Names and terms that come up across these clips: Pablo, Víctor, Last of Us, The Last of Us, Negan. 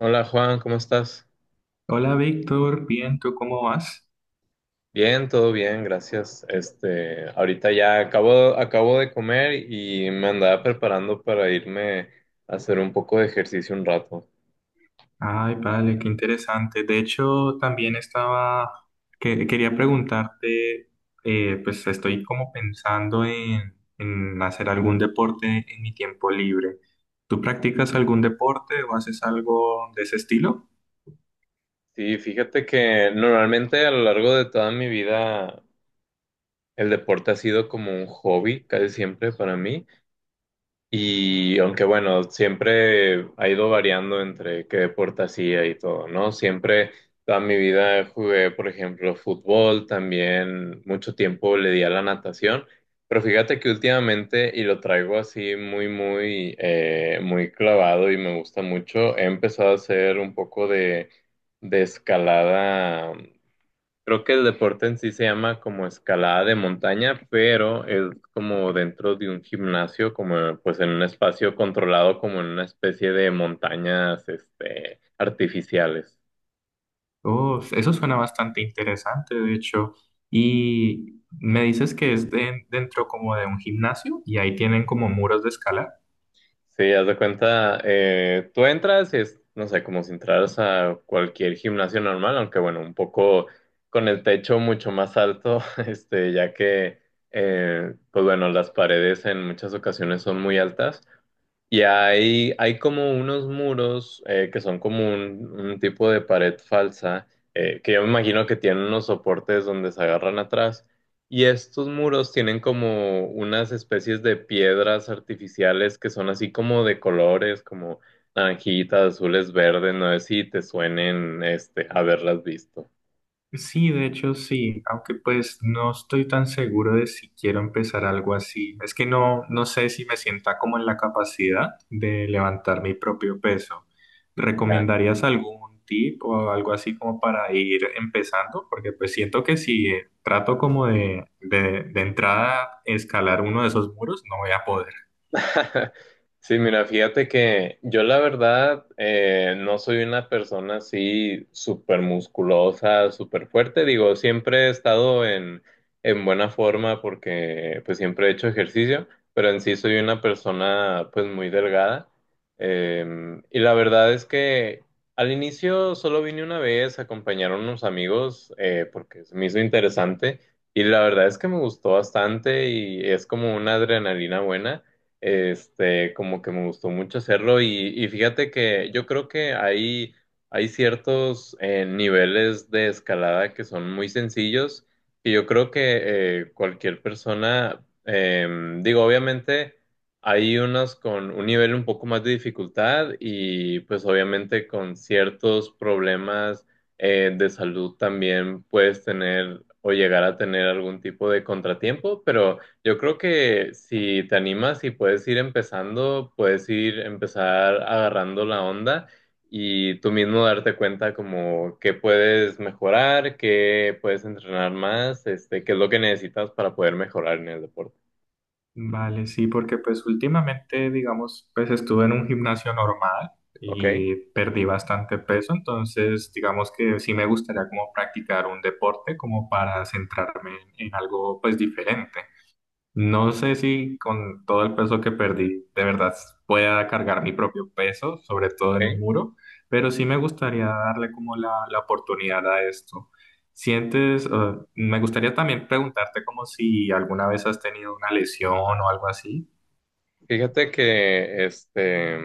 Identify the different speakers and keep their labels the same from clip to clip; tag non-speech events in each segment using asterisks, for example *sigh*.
Speaker 1: Hola Juan, ¿cómo estás?
Speaker 2: Hola Víctor, bien, ¿tú cómo vas?
Speaker 1: Bien, todo bien, gracias. Este, ahorita ya acabo de comer y me andaba preparando para irme a hacer un poco de ejercicio un rato.
Speaker 2: Ay, vale, qué interesante. De hecho, también estaba, quería preguntarte, pues estoy como pensando en hacer algún deporte en mi tiempo libre. ¿Tú practicas algún deporte o haces algo de ese estilo?
Speaker 1: Sí, fíjate que normalmente a lo largo de toda mi vida el deporte ha sido como un hobby, casi siempre para mí. Y aunque bueno, siempre ha ido variando entre qué deporte hacía y todo, ¿no? Siempre toda mi vida jugué, por ejemplo, fútbol, también mucho tiempo le di a la natación, pero fíjate que últimamente, y lo traigo así muy, muy, muy clavado y me gusta mucho, he empezado a hacer un poco de escalada. Creo que el deporte en sí se llama como escalada de montaña, pero es como dentro de un gimnasio, como pues en un espacio controlado, como en una especie de montañas, este, artificiales.
Speaker 2: Oh, eso suena bastante interesante, de hecho. Y me dices que es dentro como de un gimnasio y ahí tienen como muros de escalar.
Speaker 1: Sí, haz de cuenta, tú entras y es, no sé, como si entraras a cualquier gimnasio normal, aunque bueno, un poco con el techo mucho más alto, *laughs* este, ya que, pues bueno, las paredes en muchas ocasiones son muy altas. Y hay como unos muros, que son como un tipo de pared falsa, que yo me imagino que tienen unos soportes donde se agarran atrás. Y estos muros tienen como unas especies de piedras artificiales que son así como de colores, como naranjitas, azules, verdes. No sé si te suenen, este, haberlas visto.
Speaker 2: Sí, de hecho sí, aunque pues no estoy tan seguro de si quiero empezar algo así. Es que no sé si me sienta como en la capacidad de levantar mi propio peso. ¿Recomendarías algún tip o algo así como para ir empezando? Porque pues siento que si trato como de entrada escalar uno de esos muros, no voy a poder.
Speaker 1: *laughs* Sí, mira, fíjate que yo la verdad, no soy una persona así súper musculosa, súper fuerte. Digo, siempre he estado en buena forma porque pues siempre he hecho ejercicio, pero en sí soy una persona pues muy delgada. Y la verdad es que al inicio solo vine una vez a acompañar a unos amigos, porque se me hizo interesante y la verdad es que me gustó bastante y es como una adrenalina buena. Este, como que me gustó mucho hacerlo y fíjate que yo creo que hay ciertos, niveles de escalada que son muy sencillos y yo creo que, cualquier persona, digo, obviamente hay unos con un nivel un poco más de dificultad y pues obviamente con ciertos problemas, de salud también puedes tener o llegar a tener algún tipo de contratiempo, pero. Yo creo que si te animas y puedes ir empezando, puedes ir empezar agarrando la onda y tú mismo darte cuenta como qué puedes mejorar, qué puedes entrenar más, este, qué es lo que necesitas para poder mejorar en el deporte.
Speaker 2: Vale, sí, porque pues últimamente, digamos, pues estuve en un gimnasio normal
Speaker 1: ¿Ok?
Speaker 2: y perdí bastante peso, entonces digamos que sí me gustaría como practicar un deporte como para centrarme en algo pues diferente. No sé si con todo el peso que perdí de verdad pueda cargar mi propio peso, sobre todo en
Speaker 1: ¿Ok?
Speaker 2: un muro, pero sí me gustaría darle como la oportunidad a esto. Sientes, me gustaría también preguntarte como si alguna vez has tenido una lesión o algo así.
Speaker 1: Fíjate que, este,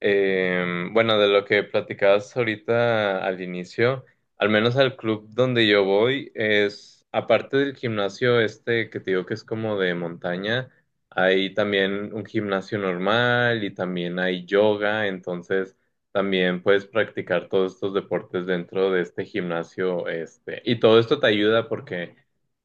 Speaker 1: Bueno, de lo que platicabas ahorita al inicio, al menos al club donde yo voy, es, aparte del gimnasio este que te digo que es como de montaña, hay también un gimnasio normal y también hay yoga, entonces también puedes practicar todos estos deportes dentro de este gimnasio, este. Y todo esto te ayuda porque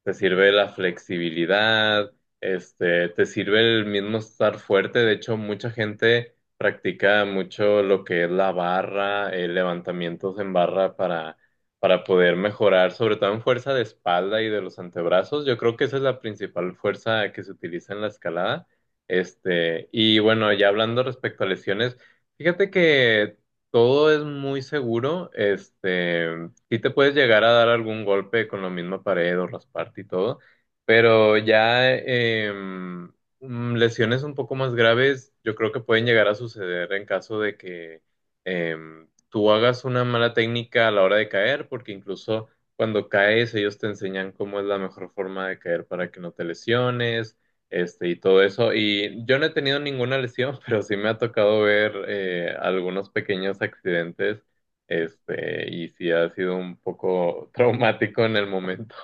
Speaker 1: te sirve la flexibilidad, este, te sirve el mismo estar fuerte. De hecho mucha gente practica mucho lo que es la barra, levantamientos en barra para poder mejorar, sobre todo en fuerza de espalda y de los antebrazos. Yo creo que esa es la principal fuerza que se utiliza en la escalada. Este, y bueno, ya hablando respecto a lesiones, fíjate que todo es muy seguro. Este, sí te puedes llegar a dar algún golpe con la misma pared o rasparte y todo. Pero ya, lesiones un poco más graves, yo creo que pueden llegar a suceder en caso de que, tú hagas una mala técnica a la hora de caer, porque incluso cuando caes ellos te enseñan cómo es la mejor forma de caer para que no te lesiones, este, y todo eso. Y yo no he tenido ninguna lesión, *laughs* pero sí me ha tocado ver, algunos pequeños accidentes, este, y sí ha sido un poco *laughs* traumático en el momento.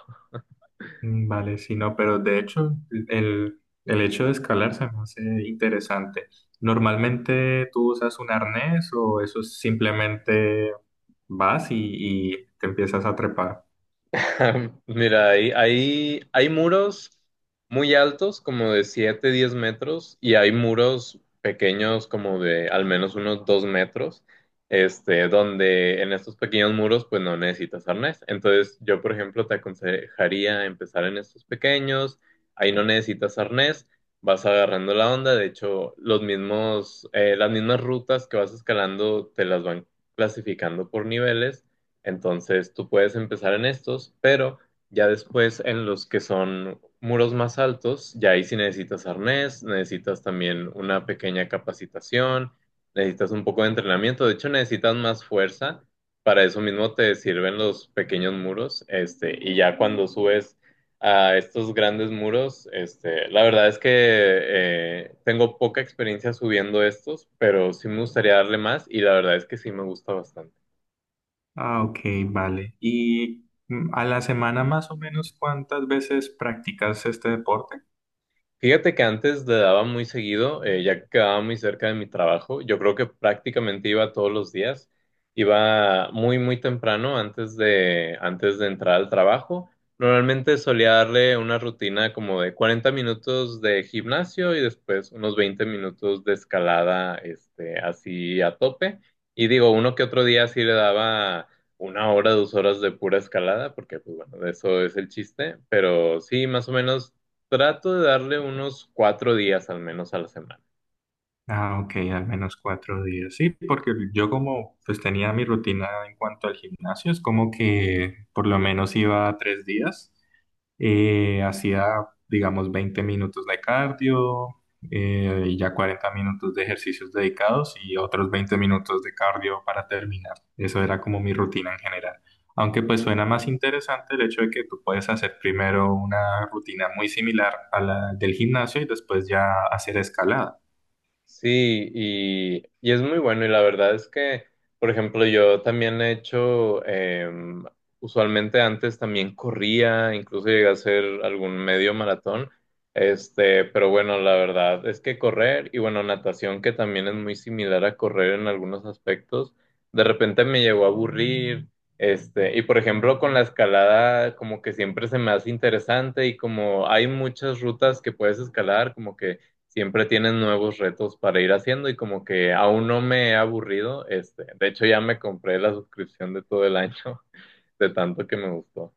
Speaker 2: Mm, vale, sí, no, pero de hecho el, el hecho de escalar se me hace interesante. ¿Normalmente tú usas un arnés o eso es simplemente vas y te empiezas a trepar?
Speaker 1: *laughs* Mira, ahí hay muros muy altos, como de 7, 10 metros, y hay muros pequeños, como de al menos unos 2 metros, este, donde en estos pequeños muros, pues no necesitas arnés. Entonces, yo, por ejemplo, te aconsejaría empezar en estos pequeños, ahí no necesitas arnés, vas agarrando la onda. De hecho, las mismas rutas que vas escalando te las van clasificando por niveles. Entonces tú puedes empezar en estos, pero ya después en los que son muros más altos, ya ahí sí necesitas arnés, necesitas también una pequeña capacitación, necesitas un poco de entrenamiento, de hecho necesitas más fuerza. Para eso mismo te sirven los pequeños muros, este, y ya cuando subes a estos grandes muros, este, la verdad es que, tengo poca experiencia subiendo estos, pero sí me gustaría darle más y la verdad es que sí me gusta bastante.
Speaker 2: Ah, ok, vale. ¿Y a la semana más o menos cuántas veces practicas este deporte?
Speaker 1: Fíjate que antes le daba muy seguido, ya que quedaba muy cerca de mi trabajo. Yo creo que prácticamente iba todos los días. Iba muy, muy temprano antes de entrar al trabajo. Normalmente solía darle una rutina como de 40 minutos de gimnasio y después unos 20 minutos de escalada, este, así a tope. Y digo, uno que otro día sí le daba 1 hora, 2 horas de pura escalada, porque pues bueno, de eso es el chiste, pero sí, más o menos trato de darle unos 4 días al menos a la semana.
Speaker 2: Ah, ok, al menos 4 días. Sí, porque yo como pues tenía mi rutina en cuanto al gimnasio, es como que por lo menos iba 3 días. Eh, hacía, digamos, 20 minutos de cardio y ya 40 minutos de ejercicios dedicados y otros 20 minutos de cardio para terminar. Eso era como mi rutina en general. Aunque pues suena más interesante el hecho de que tú puedes hacer primero una rutina muy similar a la del gimnasio y después ya hacer escalada.
Speaker 1: Sí, y es muy bueno y la verdad es que, por ejemplo, yo también he hecho, usualmente antes también corría, incluso llegué a hacer algún medio maratón, este, pero bueno, la verdad es que correr y bueno, natación que también es muy similar a correr en algunos aspectos, de repente me llegó a aburrir, este, y por ejemplo con la escalada como que siempre se me hace interesante y como hay muchas rutas que puedes escalar, como que siempre tienen nuevos retos para ir haciendo y como que aún no me he aburrido, este, de hecho ya me compré la suscripción de todo el año, *laughs* de tanto que me gustó.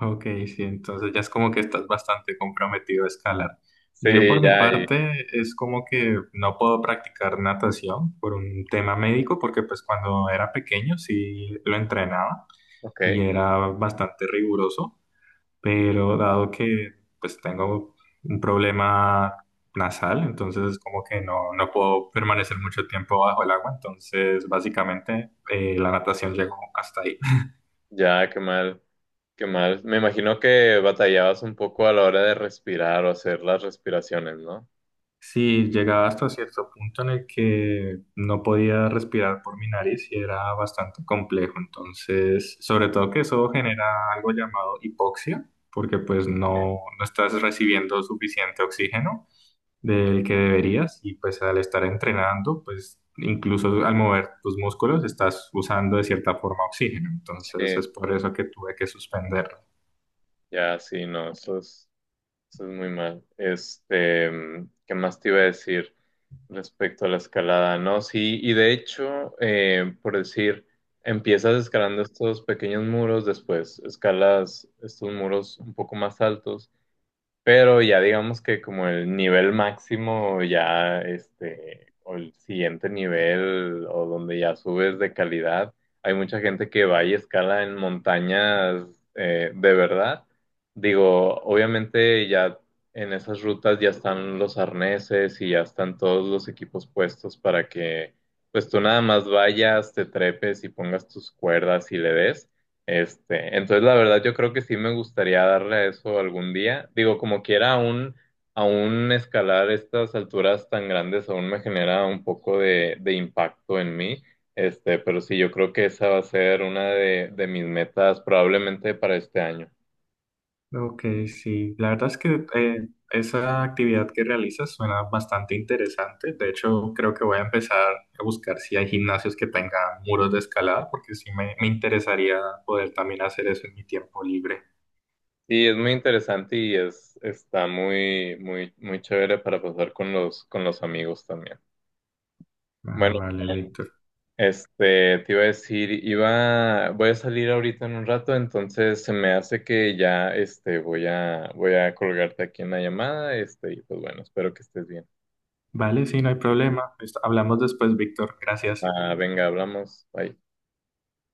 Speaker 2: Ok, sí, entonces ya es como que estás bastante comprometido a escalar. Yo
Speaker 1: Sí,
Speaker 2: por mi
Speaker 1: ya,
Speaker 2: parte es como que no puedo practicar natación por un tema médico porque pues cuando era pequeño sí lo entrenaba
Speaker 1: ok,
Speaker 2: y era bastante riguroso, pero dado que pues tengo un problema nasal, entonces es como que no puedo permanecer mucho tiempo bajo el agua, entonces básicamente la natación llegó hasta ahí.
Speaker 1: ya, qué mal, qué mal. Me imagino que batallabas un poco a la hora de respirar o hacer las respiraciones, ¿no?
Speaker 2: Sí, llegaba hasta cierto punto en el que no podía respirar por mi nariz y era bastante complejo. Entonces, sobre todo que eso genera algo llamado hipoxia, porque pues no estás recibiendo suficiente oxígeno del que deberías y pues al estar entrenando, pues incluso al mover tus músculos estás usando de cierta forma oxígeno. Entonces,
Speaker 1: Sí,
Speaker 2: es por eso que tuve que suspender.
Speaker 1: ya, sí, no, eso es. Eso es muy mal. Este, ¿qué más te iba a decir respecto a la escalada? No, sí, y de hecho, por decir, empiezas escalando estos pequeños muros, después escalas estos muros un poco más altos. Pero ya digamos que como el nivel máximo, ya este, o el siguiente nivel, o donde ya subes de calidad, hay mucha gente que va y escala en montañas, de verdad. Digo, obviamente ya en esas rutas ya están los arneses y ya están todos los equipos puestos para que pues tú nada más vayas, te trepes y pongas tus cuerdas y le des. Este, entonces la verdad yo creo que sí me gustaría darle a eso algún día. Digo, como quiera, aún escalar estas alturas tan grandes aún me genera un poco de impacto en mí. Este, pero sí, yo creo que esa va a ser una de mis metas probablemente para este año.
Speaker 2: Ok, sí, la verdad es que esa actividad que realizas suena bastante interesante. De hecho, creo que voy a empezar a buscar si hay gimnasios que tengan muros de escalada, porque sí me interesaría poder también hacer eso en mi tiempo libre.
Speaker 1: Sí, es muy interesante y es, está muy, muy, muy chévere para pasar con los amigos también.
Speaker 2: Ah,
Speaker 1: Bueno,
Speaker 2: vale, Víctor.
Speaker 1: este, te iba a decir, voy a salir ahorita en un rato, entonces se me hace que ya, este, voy a colgarte aquí en la llamada, este, y pues bueno, espero que estés bien.
Speaker 2: Vale, sí, no hay problema. Hablamos después, Víctor. Gracias.
Speaker 1: Ah, venga, hablamos. Bye.